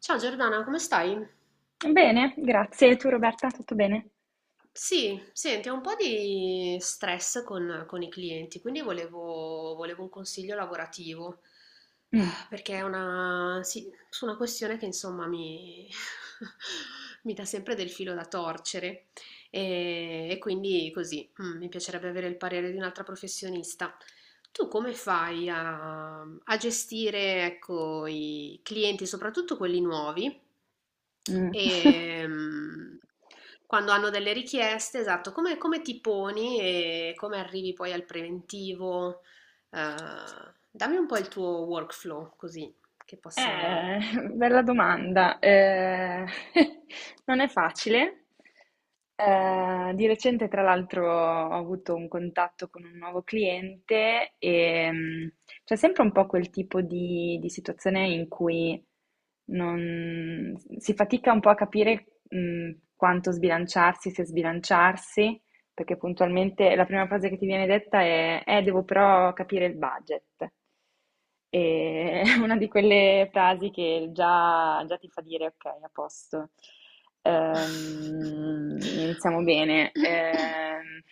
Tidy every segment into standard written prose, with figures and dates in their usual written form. Ciao Giordana, come stai? Bene, grazie. E tu Roberta, tutto bene? Sì, senti, ho un po' di stress con i clienti, quindi volevo un consiglio lavorativo, eh, Mm, perché è una, sì, su una questione che insomma mi dà sempre del filo da torcere e quindi così, mi piacerebbe avere il parere di un'altra professionista. Tu come fai a gestire, ecco, i clienti, soprattutto quelli nuovi? mm. Ehm, Quando hanno delle richieste, esatto, come ti poni e come arrivi poi al preventivo? Dammi un po' il tuo workflow, così che possa. Eh, bella domanda. Non è facile. Di recente, tra l'altro, ho avuto un contatto con un nuovo cliente e c'è sempre un po' quel tipo di situazione in cui si fatica un po' a capire, quanto sbilanciarsi, se sbilanciarsi. Perché puntualmente la prima frase che ti viene detta è: devo però capire il budget. E è una di quelle frasi che già ti fa dire: Ok, a posto. Ehm, iniziamo bene. Ehm,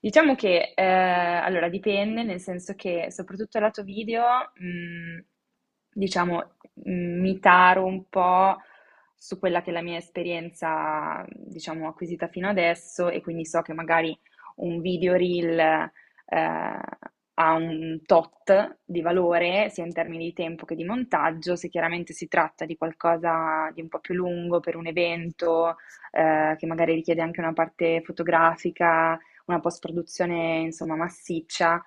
diciamo che allora dipende, nel senso che soprattutto lato video, mh, diciamo, mi taro un po' su quella che è la mia esperienza, diciamo, acquisita fino adesso, e quindi so che magari un video reel eh, ha un tot di valore, sia in termini di tempo che di montaggio, se chiaramente si tratta di qualcosa di un po' più lungo per un evento, che magari richiede anche una parte fotografica, una post-produzione, insomma, massiccia,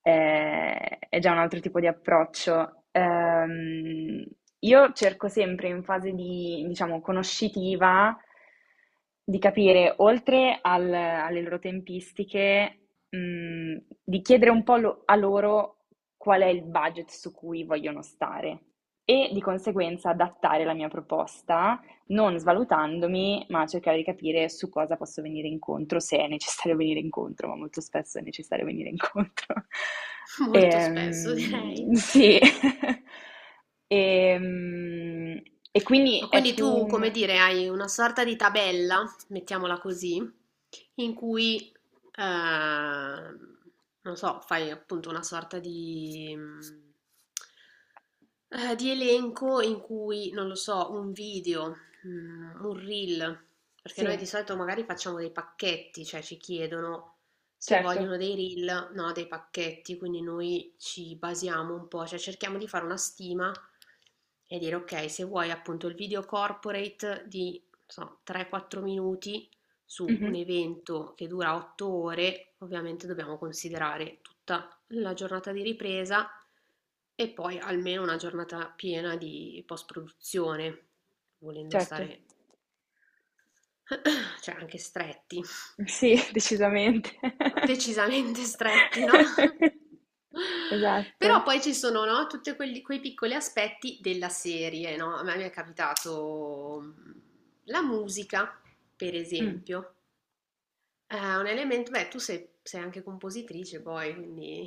è già un altro tipo di approccio. Io cerco sempre in fase di, diciamo, conoscitiva di capire, oltre alle loro tempistiche, di chiedere un po' a loro qual è il budget su cui vogliono stare e di conseguenza adattare la mia proposta non svalutandomi, ma cercare di capire su cosa posso venire incontro, se è necessario venire incontro, ma molto spesso è necessario venire incontro. Molto spesso, Ehm, direi. sì. Ehm, e quindi Ma è quindi più tu, come un. dire, hai una sorta di tabella, mettiamola così, in cui, eh, non so, fai appunto una sorta di elenco in cui, non lo so, un video, un reel, perché Sì, noi di solito magari facciamo dei pacchetti, cioè ci chiedono se certo. vogliono dei reel, no, dei pacchetti, quindi noi ci basiamo un po', cioè cerchiamo di fare una stima e dire ok, se vuoi appunto il video corporate di, non so, 3-4 minuti su un Mhm, evento che dura 8 ore, ovviamente dobbiamo considerare tutta la giornata di ripresa e poi almeno una giornata piena di post-produzione, volendo certo. stare, cioè anche stretti. Sì, decisamente. Decisamente stretti, no? Però Esatto. poi ci sono, no, tutti quei piccoli aspetti della serie, no? A me mi è capitato la musica, per Mm. esempio. È un elemento, beh, tu sei anche compositrice poi, quindi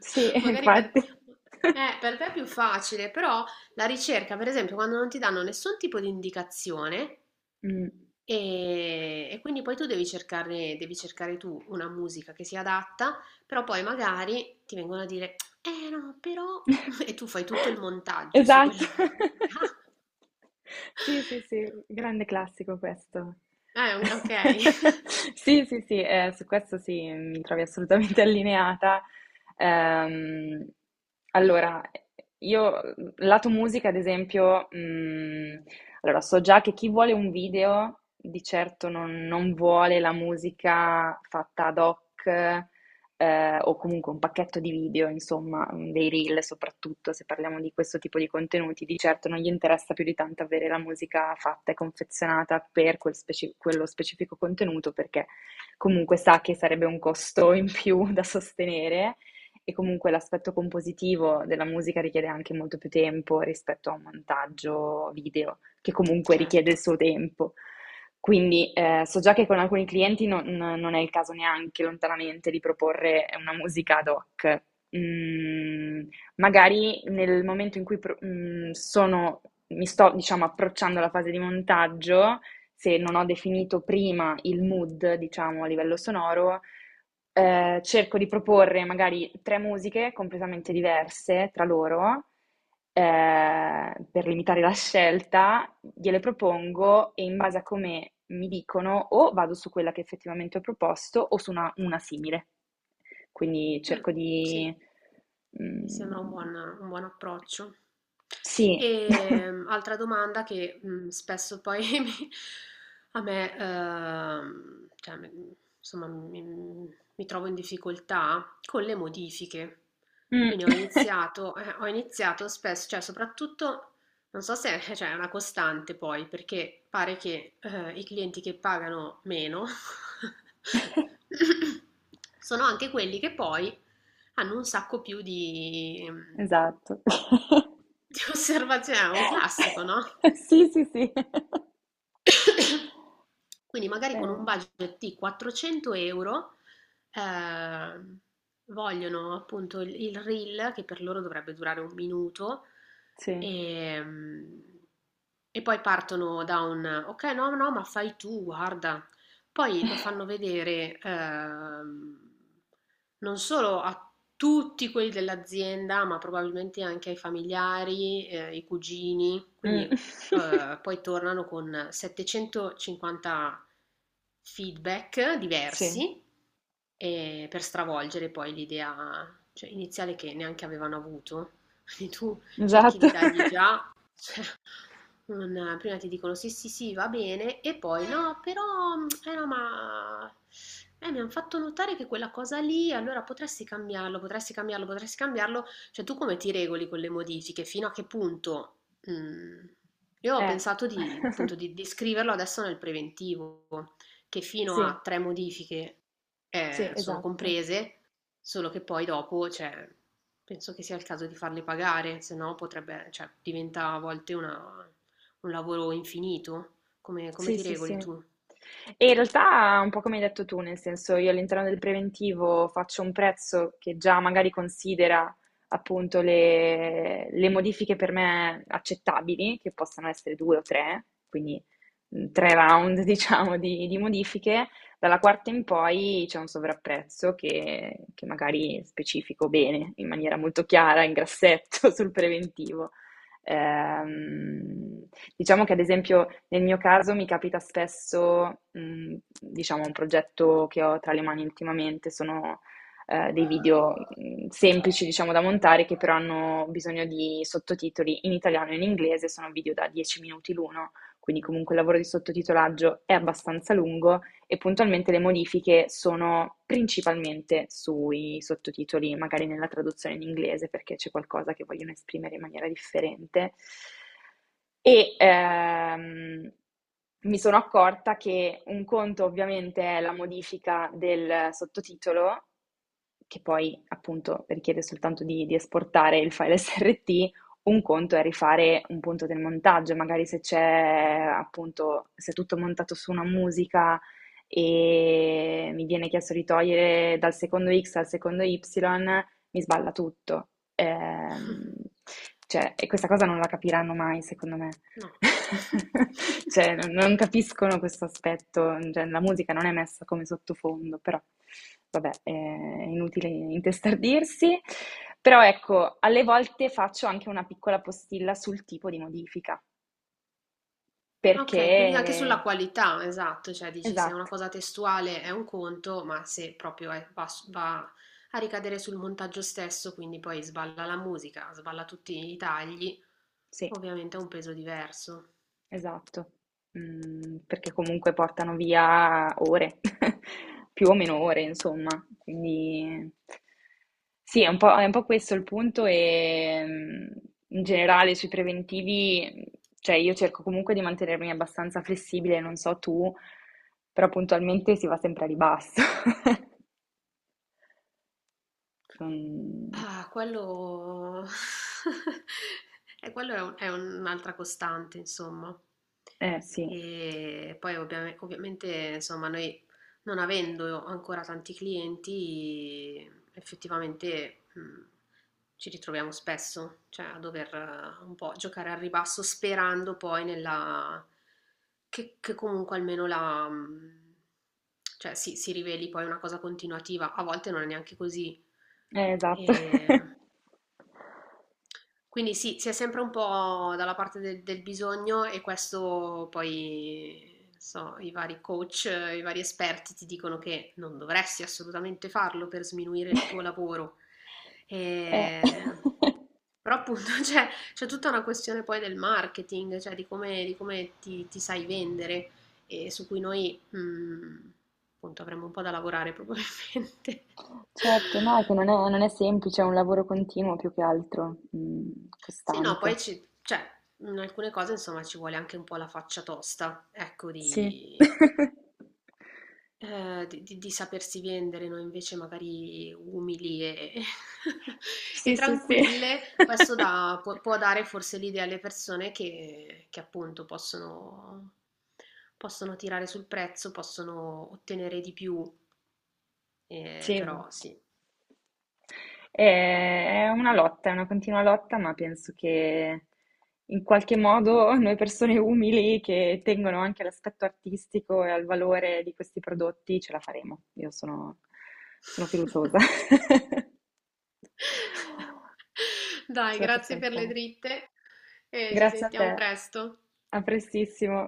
Sì, magari per, infatti. eh, per te è più facile, però la ricerca, per esempio, quando non ti danno nessun tipo di indicazione, Mm. e quindi poi tu devi cercare tu una musica che sia adatta, però poi magari ti vengono a dire, eh no, però. E tu fai tutto il montaggio su Esatto. quella musica. Sì, sì, sì, grande classico questo. Ok, Sì, sì, sì, su questo sì, mi trovi assolutamente allineata. Ehm, allora, io, lato musica, ad esempio, allora so già che chi vuole un video di certo non vuole la musica fatta ad hoc, o comunque un pacchetto di video, insomma, dei reel soprattutto, se parliamo di questo tipo di contenuti, di certo non gli interessa più di tanto avere la musica fatta e confezionata per quello specifico contenuto, perché comunque sa che sarebbe un costo in più da sostenere. E comunque l'aspetto compositivo della musica richiede anche molto più tempo rispetto a un montaggio video, che comunque richiede il certo. suo tempo. Quindi, so già che con alcuni clienti non è il caso neanche lontanamente di proporre una musica ad hoc. Mhmm, magari nel momento in cui pro mhmm, sono mi sto, diciamo, approcciando alla fase di montaggio, se non ho definito prima il mood, diciamo, a livello sonoro, cerco di proporre magari 3 musiche completamente diverse tra loro, per limitare la scelta, gliele propongo e in base a come mi dicono o vado su quella che effettivamente ho proposto o su una simile. Quindi Mm, cerco sì. di. Mi Mm, sembra un buon approccio. sì. E altra domanda che spesso poi a me, cioè, insomma, mi trovo in difficoltà con le modifiche. Mm. Quindi ho iniziato spesso, cioè soprattutto non so se è, cioè, è una costante poi, perché pare che i clienti che pagano meno sono anche quelli che poi hanno un sacco più di, mm, Esatto. di osservazioni. È un classico, no? Sì, sì, sì. Quindi magari con Eh, un budget di 400 euro ehm, vogliono appunto il reel che per loro dovrebbe durare un minuto sì. ehm, e, poi partono da un ok no no ma fai tu guarda poi lo fanno vedere non solo a tutti quelli dell'azienda ma probabilmente anche ai familiari, ai cugini quindi Mm. Poi tornano con 750 feedback Sì, diversi. Per stravolgere poi l'idea, cioè, iniziale che neanche avevano avuto. Quindi tu cerchi esatto. di dargli già, cioè, prima ti dicono sì, sì, sì, va bene, e poi no, però, eh no, ma mi hanno fatto notare che quella cosa lì, allora potresti cambiarlo, potresti cambiarlo, potresti cambiarlo. Cioè, tu come ti regoli con le modifiche? Fino a che punto? Mm, Io ho Eh. pensato di, appunto, di, di scriverlo adesso nel preventivo che fino Sì. a tre modifiche Sì, sono esatto. comprese, solo che poi dopo, cioè, penso che sia il caso di farle pagare, se no potrebbe, cioè, diventa a volte un lavoro infinito. Come Sì, ti sì, regoli sì. tu? E in realtà un po' come hai detto tu, nel senso io all'interno del preventivo faccio un prezzo che già magari considera appunto le modifiche per me accettabili, che possano essere due o tre, quindi tre round diciamo di modifiche, dalla quarta in poi c'è un sovrapprezzo che magari specifico bene, in maniera molto chiara, in grassetto sul preventivo. Ehm, diciamo che ad esempio nel mio caso mi capita spesso, diciamo un progetto che ho tra le mani ultimamente sono, dei video, semplici diciamo da montare che però hanno bisogno di sottotitoli in italiano e in inglese, sono video da 10 minuti l'uno, quindi comunque il lavoro di sottotitolaggio è abbastanza lungo, e puntualmente le modifiche sono principalmente sui sottotitoli, magari nella traduzione in inglese perché c'è qualcosa che vogliono esprimere in maniera differente. E mi sono accorta che un conto ovviamente è la modifica del sottotitolo che poi appunto richiede soltanto di esportare il file SRT, un conto è rifare un punto del montaggio, magari se c'è appunto se è tutto montato su una musica e mi viene chiesto di togliere dal secondo X al secondo Y, mi sballa tutto. Ehm, cioè, e questa cosa non la capiranno mai, secondo me. No. Cioè, non capiscono questo aspetto, cioè, la musica non è messa come sottofondo, però vabbè, è inutile intestardirsi. Però ecco, alle volte faccio anche una piccola postilla sul tipo di modifica, Ok, quindi anche perché. sulla qualità, esatto, cioè dici se è una Esatto, cosa testuale è un conto, ma se proprio va a ricadere sul montaggio stesso, quindi poi sballa la musica, sballa tutti i tagli, sì. ovviamente ha un peso diverso. Esatto, perché comunque portano via ore, più o meno ore insomma, quindi sì, è un po' questo il punto, in generale sui preventivi, cioè io cerco comunque di mantenermi abbastanza flessibile, non so tu, però puntualmente si va sempre a ribasso. Non Ah, quello. E quello è è un'altra costante, insomma. eh sì, E poi ovviamente, insomma, noi non avendo ancora tanti clienti, effettivamente ci ritroviamo spesso, cioè a dover un po' giocare al ribasso sperando poi nella che comunque almeno la cioè si riveli poi una cosa continuativa, a volte non è neanche così. Esatto. E quindi sì, si è sempre un po' dalla parte del bisogno e questo poi, non so, i vari coach, i vari esperti ti dicono che non dovresti assolutamente farlo per sminuire il tuo lavoro. Eh. E- Però appunto c'è tutta una questione poi del marketing, cioè di come ti sai vendere e su cui noi, appunto, avremo un po' da lavorare probabilmente. Certo, no, è che non è semplice, è un lavoro continuo più che altro, Sì, no, costante. poi cioè, in alcune cose, insomma, ci vuole anche un po' la faccia tosta, ecco, Sì. di, eh, di- di- di sapersi vendere, noi invece magari umili e Sì, sì, sì. tranquille, questo può dare forse l'idea alle persone che appunto possono tirare sul prezzo, possono ottenere di più, Sì. però sì. È una lotta, è una continua lotta, ma penso che in qualche modo noi persone umili che tengono anche all'aspetto artistico e al valore di questi prodotti ce la faremo. Io sono fiduciosa. Dai, Ce la grazie possiam per le fare. dritte e ci Grazie a sentiamo te. presto. A prestissimo.